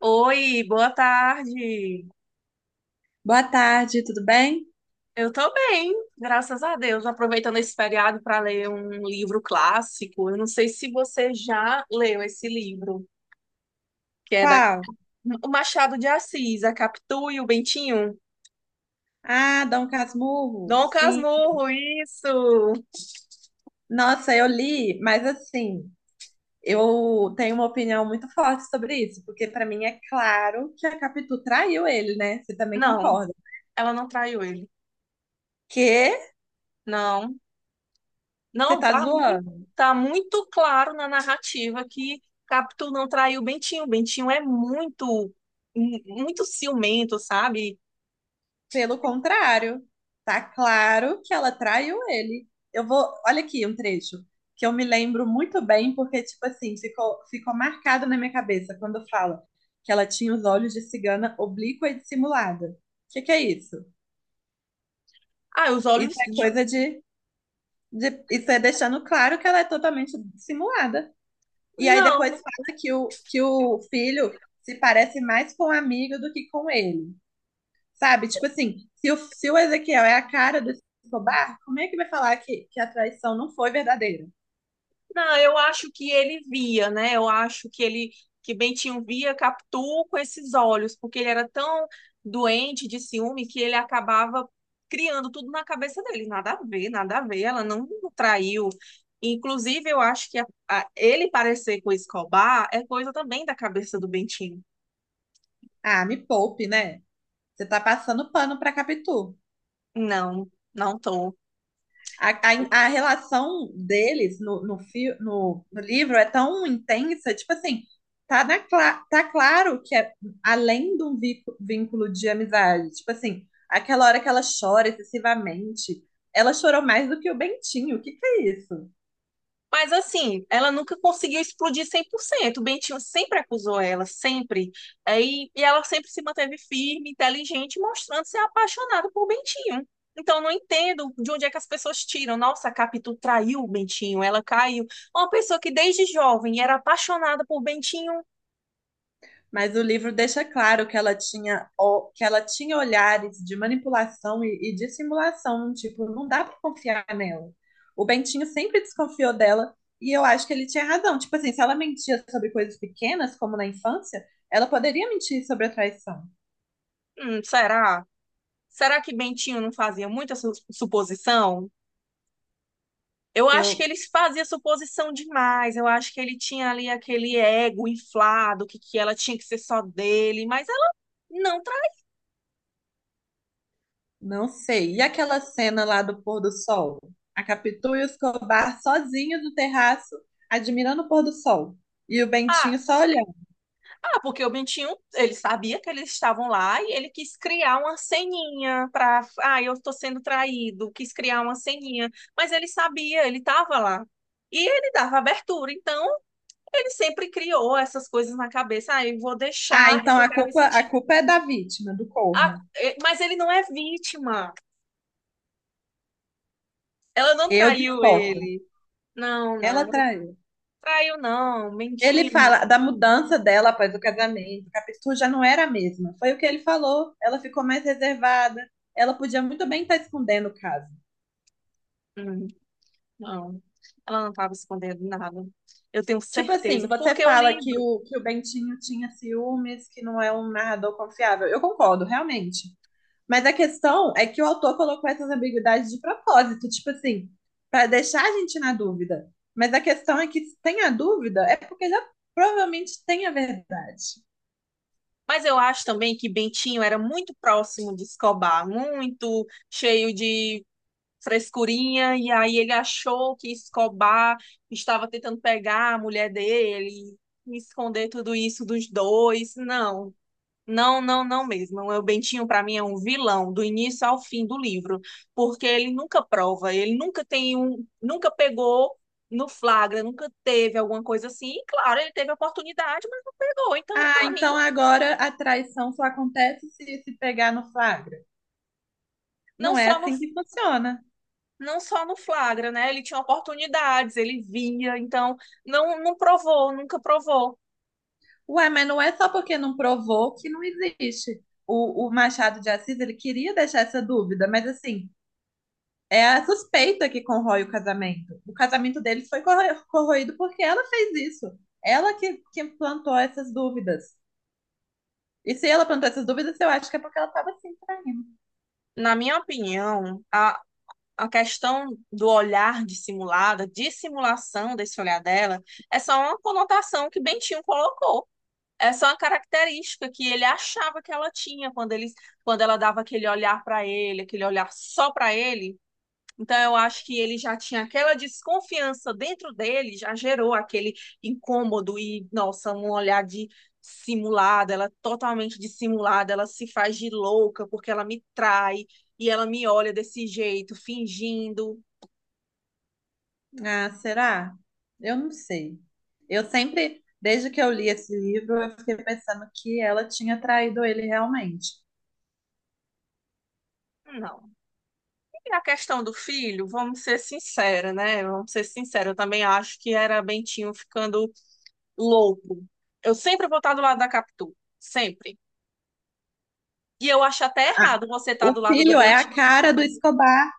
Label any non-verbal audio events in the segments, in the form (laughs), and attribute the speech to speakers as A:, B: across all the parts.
A: Oi, boa tarde.
B: Boa tarde, tudo bem?
A: Eu tô bem, graças a Deus. Aproveitando esse feriado para ler um livro clássico. Eu não sei se você já leu esse livro, que é da
B: Qual?
A: o Machado de Assis, A Capitu e o Bentinho.
B: Ah, Dom Casmurro,
A: Dom
B: sim.
A: Casmurro, isso.
B: Nossa, eu li, mas assim, eu tenho uma opinião muito forte sobre isso, porque pra mim é claro que a Capitu traiu ele, né? Você também
A: Não,
B: concorda?
A: ela não traiu ele.
B: Que?
A: Não,
B: Você
A: não,
B: tá
A: tá muito,
B: zoando?
A: tá muito claro na narrativa que Capitu não traiu o Bentinho. Bentinho é muito, muito ciumento, sabe?
B: Pelo contrário, tá claro que ela traiu ele. Eu vou, olha aqui um trecho que eu me lembro muito bem, porque, tipo assim, ficou marcado na minha cabeça quando fala que ela tinha os olhos de cigana oblíqua e dissimulada. O que que é isso?
A: Ah, os
B: Isso
A: olhos
B: é
A: de-
B: coisa Isso é deixando claro que ela é totalmente dissimulada. E aí
A: Não,
B: depois fala que o filho se parece mais com o amigo do que com ele. Sabe? Tipo assim, se o Ezequiel é a cara do Escobar, como é que vai falar que a traição não foi verdadeira?
A: não, eu acho que ele via, né? Eu acho que que Bentinho via Capitu com esses olhos, porque ele era tão doente de ciúme que ele acabava criando tudo na cabeça dele. Nada a ver, nada a ver, ela não traiu. Inclusive, eu acho que ele parecer com o Escobar é coisa também da cabeça do Bentinho.
B: Ah, me poupe, né? Você tá passando pano pra Capitu.
A: Não, não tô.
B: A, a relação deles no livro é tão intensa, tipo assim, tá claro que é além de um vínculo de amizade. Tipo assim, aquela hora que ela chora excessivamente, ela chorou mais do que o Bentinho. O que que é isso?
A: Mas assim, ela nunca conseguiu explodir 100%. O Bentinho sempre acusou ela, sempre. Aí E, e ela sempre se manteve firme, inteligente, mostrando ser apaixonada por Bentinho. Então, eu não entendo de onde é que as pessoas tiram. Nossa, a Capitu traiu o Bentinho, ela caiu. Uma pessoa que desde jovem era apaixonada por Bentinho.
B: Mas o livro deixa claro que ela tinha, que ela tinha olhares de manipulação e dissimulação, tipo, não dá pra confiar nela. O Bentinho sempre desconfiou dela e eu acho que ele tinha razão. Tipo assim, se ela mentia sobre coisas pequenas, como na infância, ela poderia mentir sobre a traição.
A: Será? Será que Bentinho não fazia muita suposição? Eu acho que
B: Eu
A: ele fazia suposição demais. Eu acho que ele tinha ali aquele ego inflado, que ela tinha que ser só dele, mas ela não tra...
B: não sei. E aquela cena lá do pôr do sol? A Capitu e o Escobar sozinhos no terraço, admirando o pôr do sol. E o
A: Ah,
B: Bentinho só olhando.
A: porque o Bentinho, ele sabia que eles estavam lá e ele quis criar uma ceninha para, ah, eu tô sendo traído, quis criar uma ceninha, mas ele sabia, ele estava lá. E ele dava abertura, então ele sempre criou essas coisas na cabeça. Ah, eu vou
B: Ah,
A: deixar
B: então
A: porque eu quero me
B: a
A: sentir.
B: culpa é da vítima, do
A: Ah,
B: corvo.
A: mas ele não é vítima. Ela não
B: Eu
A: traiu
B: discordo.
A: ele. Não, não,
B: Ela
A: não
B: traiu.
A: traiu, não,
B: Ele
A: mentindo.
B: fala da mudança dela após o casamento. Capitu já não era a mesma. Foi o que ele falou. Ela ficou mais reservada. Ela podia muito bem estar escondendo o caso.
A: Hum, Não, ela não estava escondendo nada. Eu tenho
B: Tipo assim,
A: certeza,
B: você
A: porque eu
B: fala
A: livro.
B: que o Bentinho tinha ciúmes, que não é um narrador confiável. Eu concordo, realmente. Mas a questão é que o autor colocou essas ambiguidades de propósito, tipo assim, para deixar a gente na dúvida. Mas a questão é que se tem a dúvida, é porque já provavelmente tem a verdade.
A: Mas eu acho também que Bentinho era muito próximo de Escobar, muito cheio de frescurinha, e aí ele achou que Escobar estava tentando pegar a mulher dele e esconder tudo isso dos dois. Não. Não, não mesmo. O Bentinho, para mim, é um vilão do início ao fim do livro, porque ele nunca prova, ele nunca tem um, nunca pegou no flagra, nunca teve alguma coisa assim. E claro, ele teve a oportunidade, mas não pegou. Então,
B: Ah,
A: para mim,
B: então agora a traição só acontece se se pegar no flagra.
A: não
B: Não é
A: só no,
B: assim que funciona.
A: não só no flagra, né? Ele tinha oportunidades, ele via, então não, não provou, nunca provou.
B: Ué, mas não é só porque não provou que não existe. O Machado de Assis, ele queria deixar essa dúvida, mas assim, é a suspeita que corrói o casamento. O casamento deles foi corroído porque ela fez isso. Ela que plantou essas dúvidas. E se ela plantou essas dúvidas, eu acho que é porque ela estava se traindo.
A: Na minha opinião, a questão do olhar dissimulado, dissimulação desse olhar dela, é só uma conotação que Bentinho colocou. É só uma característica que ele achava que ela tinha quando ele, quando ela dava aquele olhar para ele, aquele olhar só para ele, então, eu acho que ele já tinha aquela desconfiança dentro dele, já gerou aquele incômodo e, nossa, um olhar de simulada, ela é totalmente dissimulada, ela se faz de louca porque ela me trai e ela me olha desse jeito, fingindo.
B: Ah, será? Eu não sei. Eu sempre, desde que eu li esse livro, eu fiquei pensando que ela tinha traído ele realmente.
A: Não. E a questão do filho, vamos ser sinceros, né? Vamos ser sinceros, eu também acho que era Bentinho ficando louco. Eu sempre vou estar do lado da Capitu, sempre. E eu acho até
B: Ah,
A: errado você estar
B: o
A: do lado do
B: filho é a
A: Bentinho.
B: cara do Escobar,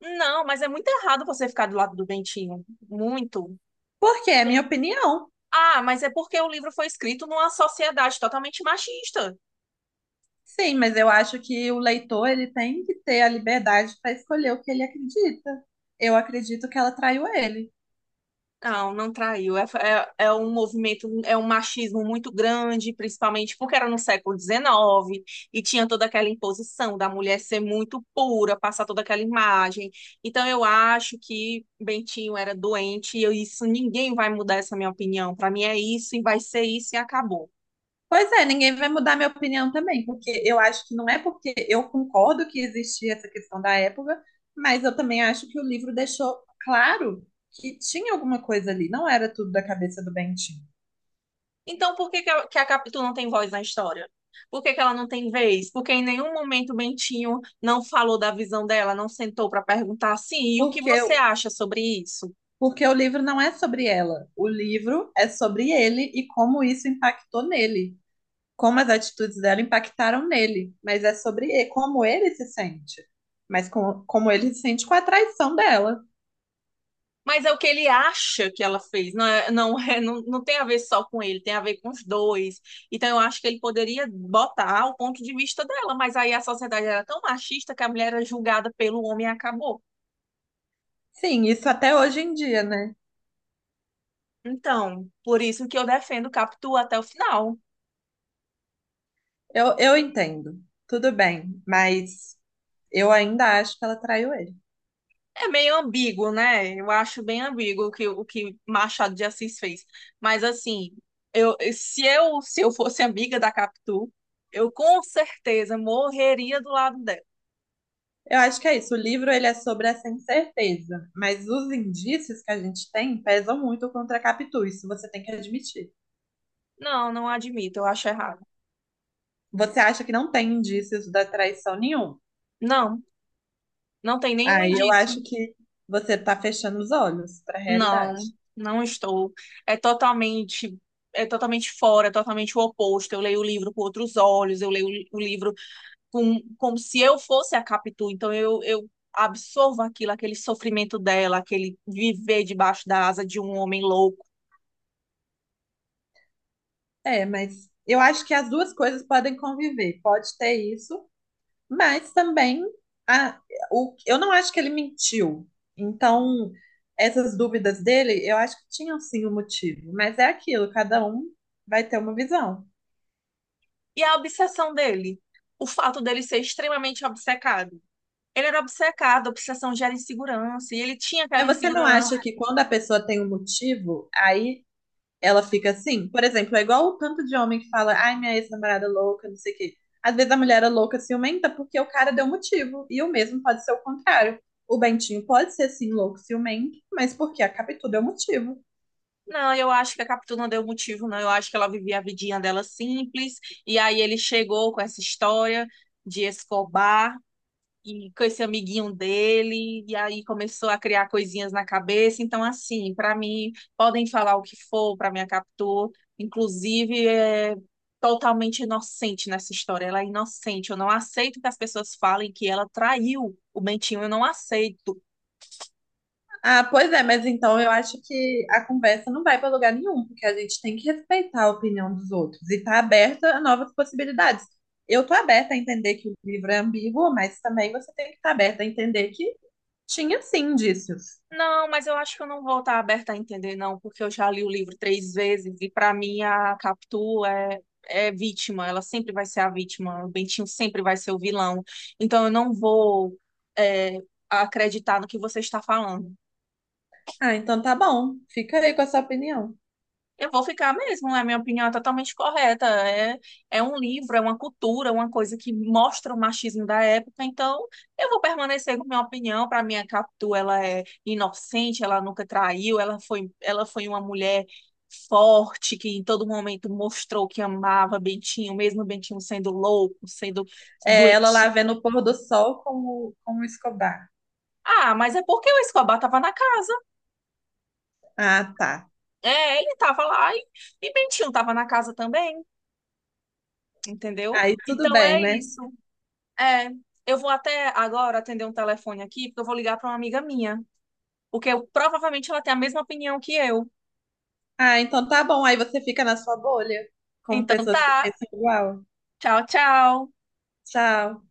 A: Não, mas é muito errado você ficar do lado do Bentinho. Muito.
B: porque é minha opinião.
A: Ah, mas é porque o livro foi escrito numa sociedade totalmente machista.
B: Sim, mas eu acho que o leitor ele tem que ter a liberdade para escolher o que ele acredita. Eu acredito que ela traiu ele.
A: Não, não traiu. É um movimento, é um machismo muito grande, principalmente porque era no século XIX e tinha toda aquela imposição da mulher ser muito pura, passar toda aquela imagem. Então eu acho que Bentinho era doente e isso ninguém vai mudar essa minha opinião. Para mim é isso e vai ser isso e acabou.
B: Pois é, ninguém vai mudar minha opinião também, porque eu acho que não é porque eu concordo que existia essa questão da época, mas eu também acho que o livro deixou claro que tinha alguma coisa ali, não era tudo da cabeça do Bentinho.
A: Então, por que que que a Capitu não tem voz na história? Por que que ela não tem vez? Porque em nenhum momento o Bentinho não falou da visão dela, não sentou para perguntar assim, e o que
B: Porque,
A: você acha sobre isso?
B: porque o livro não é sobre ela, o livro é sobre ele e como isso impactou nele, como as atitudes dela impactaram nele, mas é sobre como ele se sente, mas como ele se sente com a traição dela.
A: Mas é o que ele acha que ela fez, não, é, não, (laughs) é, não, não tem a ver só com ele, tem a ver com os dois. Então eu acho que ele poderia botar o ponto de vista dela, mas aí a sociedade era tão machista que a mulher era julgada pelo homem e acabou.
B: Sim, isso até hoje em dia, né?
A: Então, por isso que eu defendo Capitu até o final.
B: Eu entendo, tudo bem, mas eu ainda acho que ela traiu ele.
A: É meio ambíguo, né? Eu acho bem ambíguo o que Machado de Assis fez. Mas assim, se eu fosse amiga da Capitu, eu com certeza morreria do lado dela.
B: Eu acho que é isso. O livro ele é sobre essa incerteza, mas os indícios que a gente tem pesam muito contra a Capitu, isso você tem que admitir.
A: Não, não admito, eu acho errado.
B: Você acha que não tem indícios da traição nenhum.
A: Não, não tem nenhum
B: Aí eu
A: indício.
B: acho que você está fechando os olhos para a
A: Não,
B: realidade.
A: não estou. É totalmente, é totalmente fora, é totalmente o oposto. Eu leio o livro com outros olhos, eu leio o livro com, como se eu fosse a Capitu. Então eu absorvo aquilo, aquele sofrimento dela, aquele viver debaixo da asa de um homem louco.
B: É, mas eu acho que as duas coisas podem conviver. Pode ter isso, mas também a, o, eu não acho que ele mentiu. Então, essas dúvidas dele, eu acho que tinham sim um motivo. Mas é aquilo, cada um vai ter uma visão.
A: E a obsessão dele, o fato dele ser extremamente obcecado. Ele era obcecado, a obsessão gera insegurança, e ele tinha
B: Mas
A: aquela
B: você não
A: insegurança.
B: acha que quando a pessoa tem um motivo, aí ela fica assim? Por exemplo, é igual o tanto de homem que fala, ai, minha ex-namorada é louca, não sei o quê. Às vezes a mulher é louca, ciumenta, porque o cara deu motivo. E o mesmo pode ser o contrário. O Bentinho pode ser sim louco, ciumento, mas porque a Capitu deu motivo.
A: Não, eu acho que a Capitu não deu motivo, não. Eu acho que ela vivia a vidinha dela simples, e aí ele chegou com essa história de Escobar, e com esse amiguinho dele, e aí começou a criar coisinhas na cabeça. Então, assim, para mim, podem falar o que for para minha Capitu, inclusive é totalmente inocente nessa história. Ela é inocente. Eu não aceito que as pessoas falem que ela traiu o Bentinho, eu não aceito.
B: Ah, pois é, mas então eu acho que a conversa não vai para lugar nenhum, porque a gente tem que respeitar a opinião dos outros e estar aberta a novas possibilidades. Eu tô aberta a entender que o livro é ambíguo, mas também você tem que estar aberta a entender que tinha sim indícios.
A: Não, mas eu acho que eu não vou estar aberta a entender, não, porque eu já li o livro 3 vezes e para mim a Capitu é vítima, ela sempre vai ser a vítima, o Bentinho sempre vai ser o vilão. Então eu não vou é, acreditar no que você está falando.
B: Ah, então tá bom, fica aí com a sua opinião.
A: Eu vou ficar mesmo, né? Minha opinião é totalmente correta. É, é um livro, é uma cultura, uma coisa que mostra o machismo da época. Então, eu vou permanecer com minha opinião. Para mim, a Capitu, ela é inocente, ela nunca traiu, ela foi uma mulher forte, que em todo momento mostrou que amava Bentinho, mesmo Bentinho sendo louco, sendo
B: É, ela
A: doente.
B: lá vendo o pôr do sol com o Escobar.
A: Ah, mas é porque o Escobar estava na casa.
B: Ah, tá.
A: É, ele estava e Bentinho estava na casa também, entendeu?
B: Aí tudo
A: Então
B: bem,
A: é
B: né?
A: isso. É, eu vou até agora atender um telefone aqui, porque eu vou ligar para uma amiga minha, porque provavelmente ela tem a mesma opinião que eu.
B: Ah, então tá bom, aí você fica na sua bolha, com
A: Então
B: pessoas que
A: tá,
B: pensam igual.
A: tchau, tchau.
B: Tchau.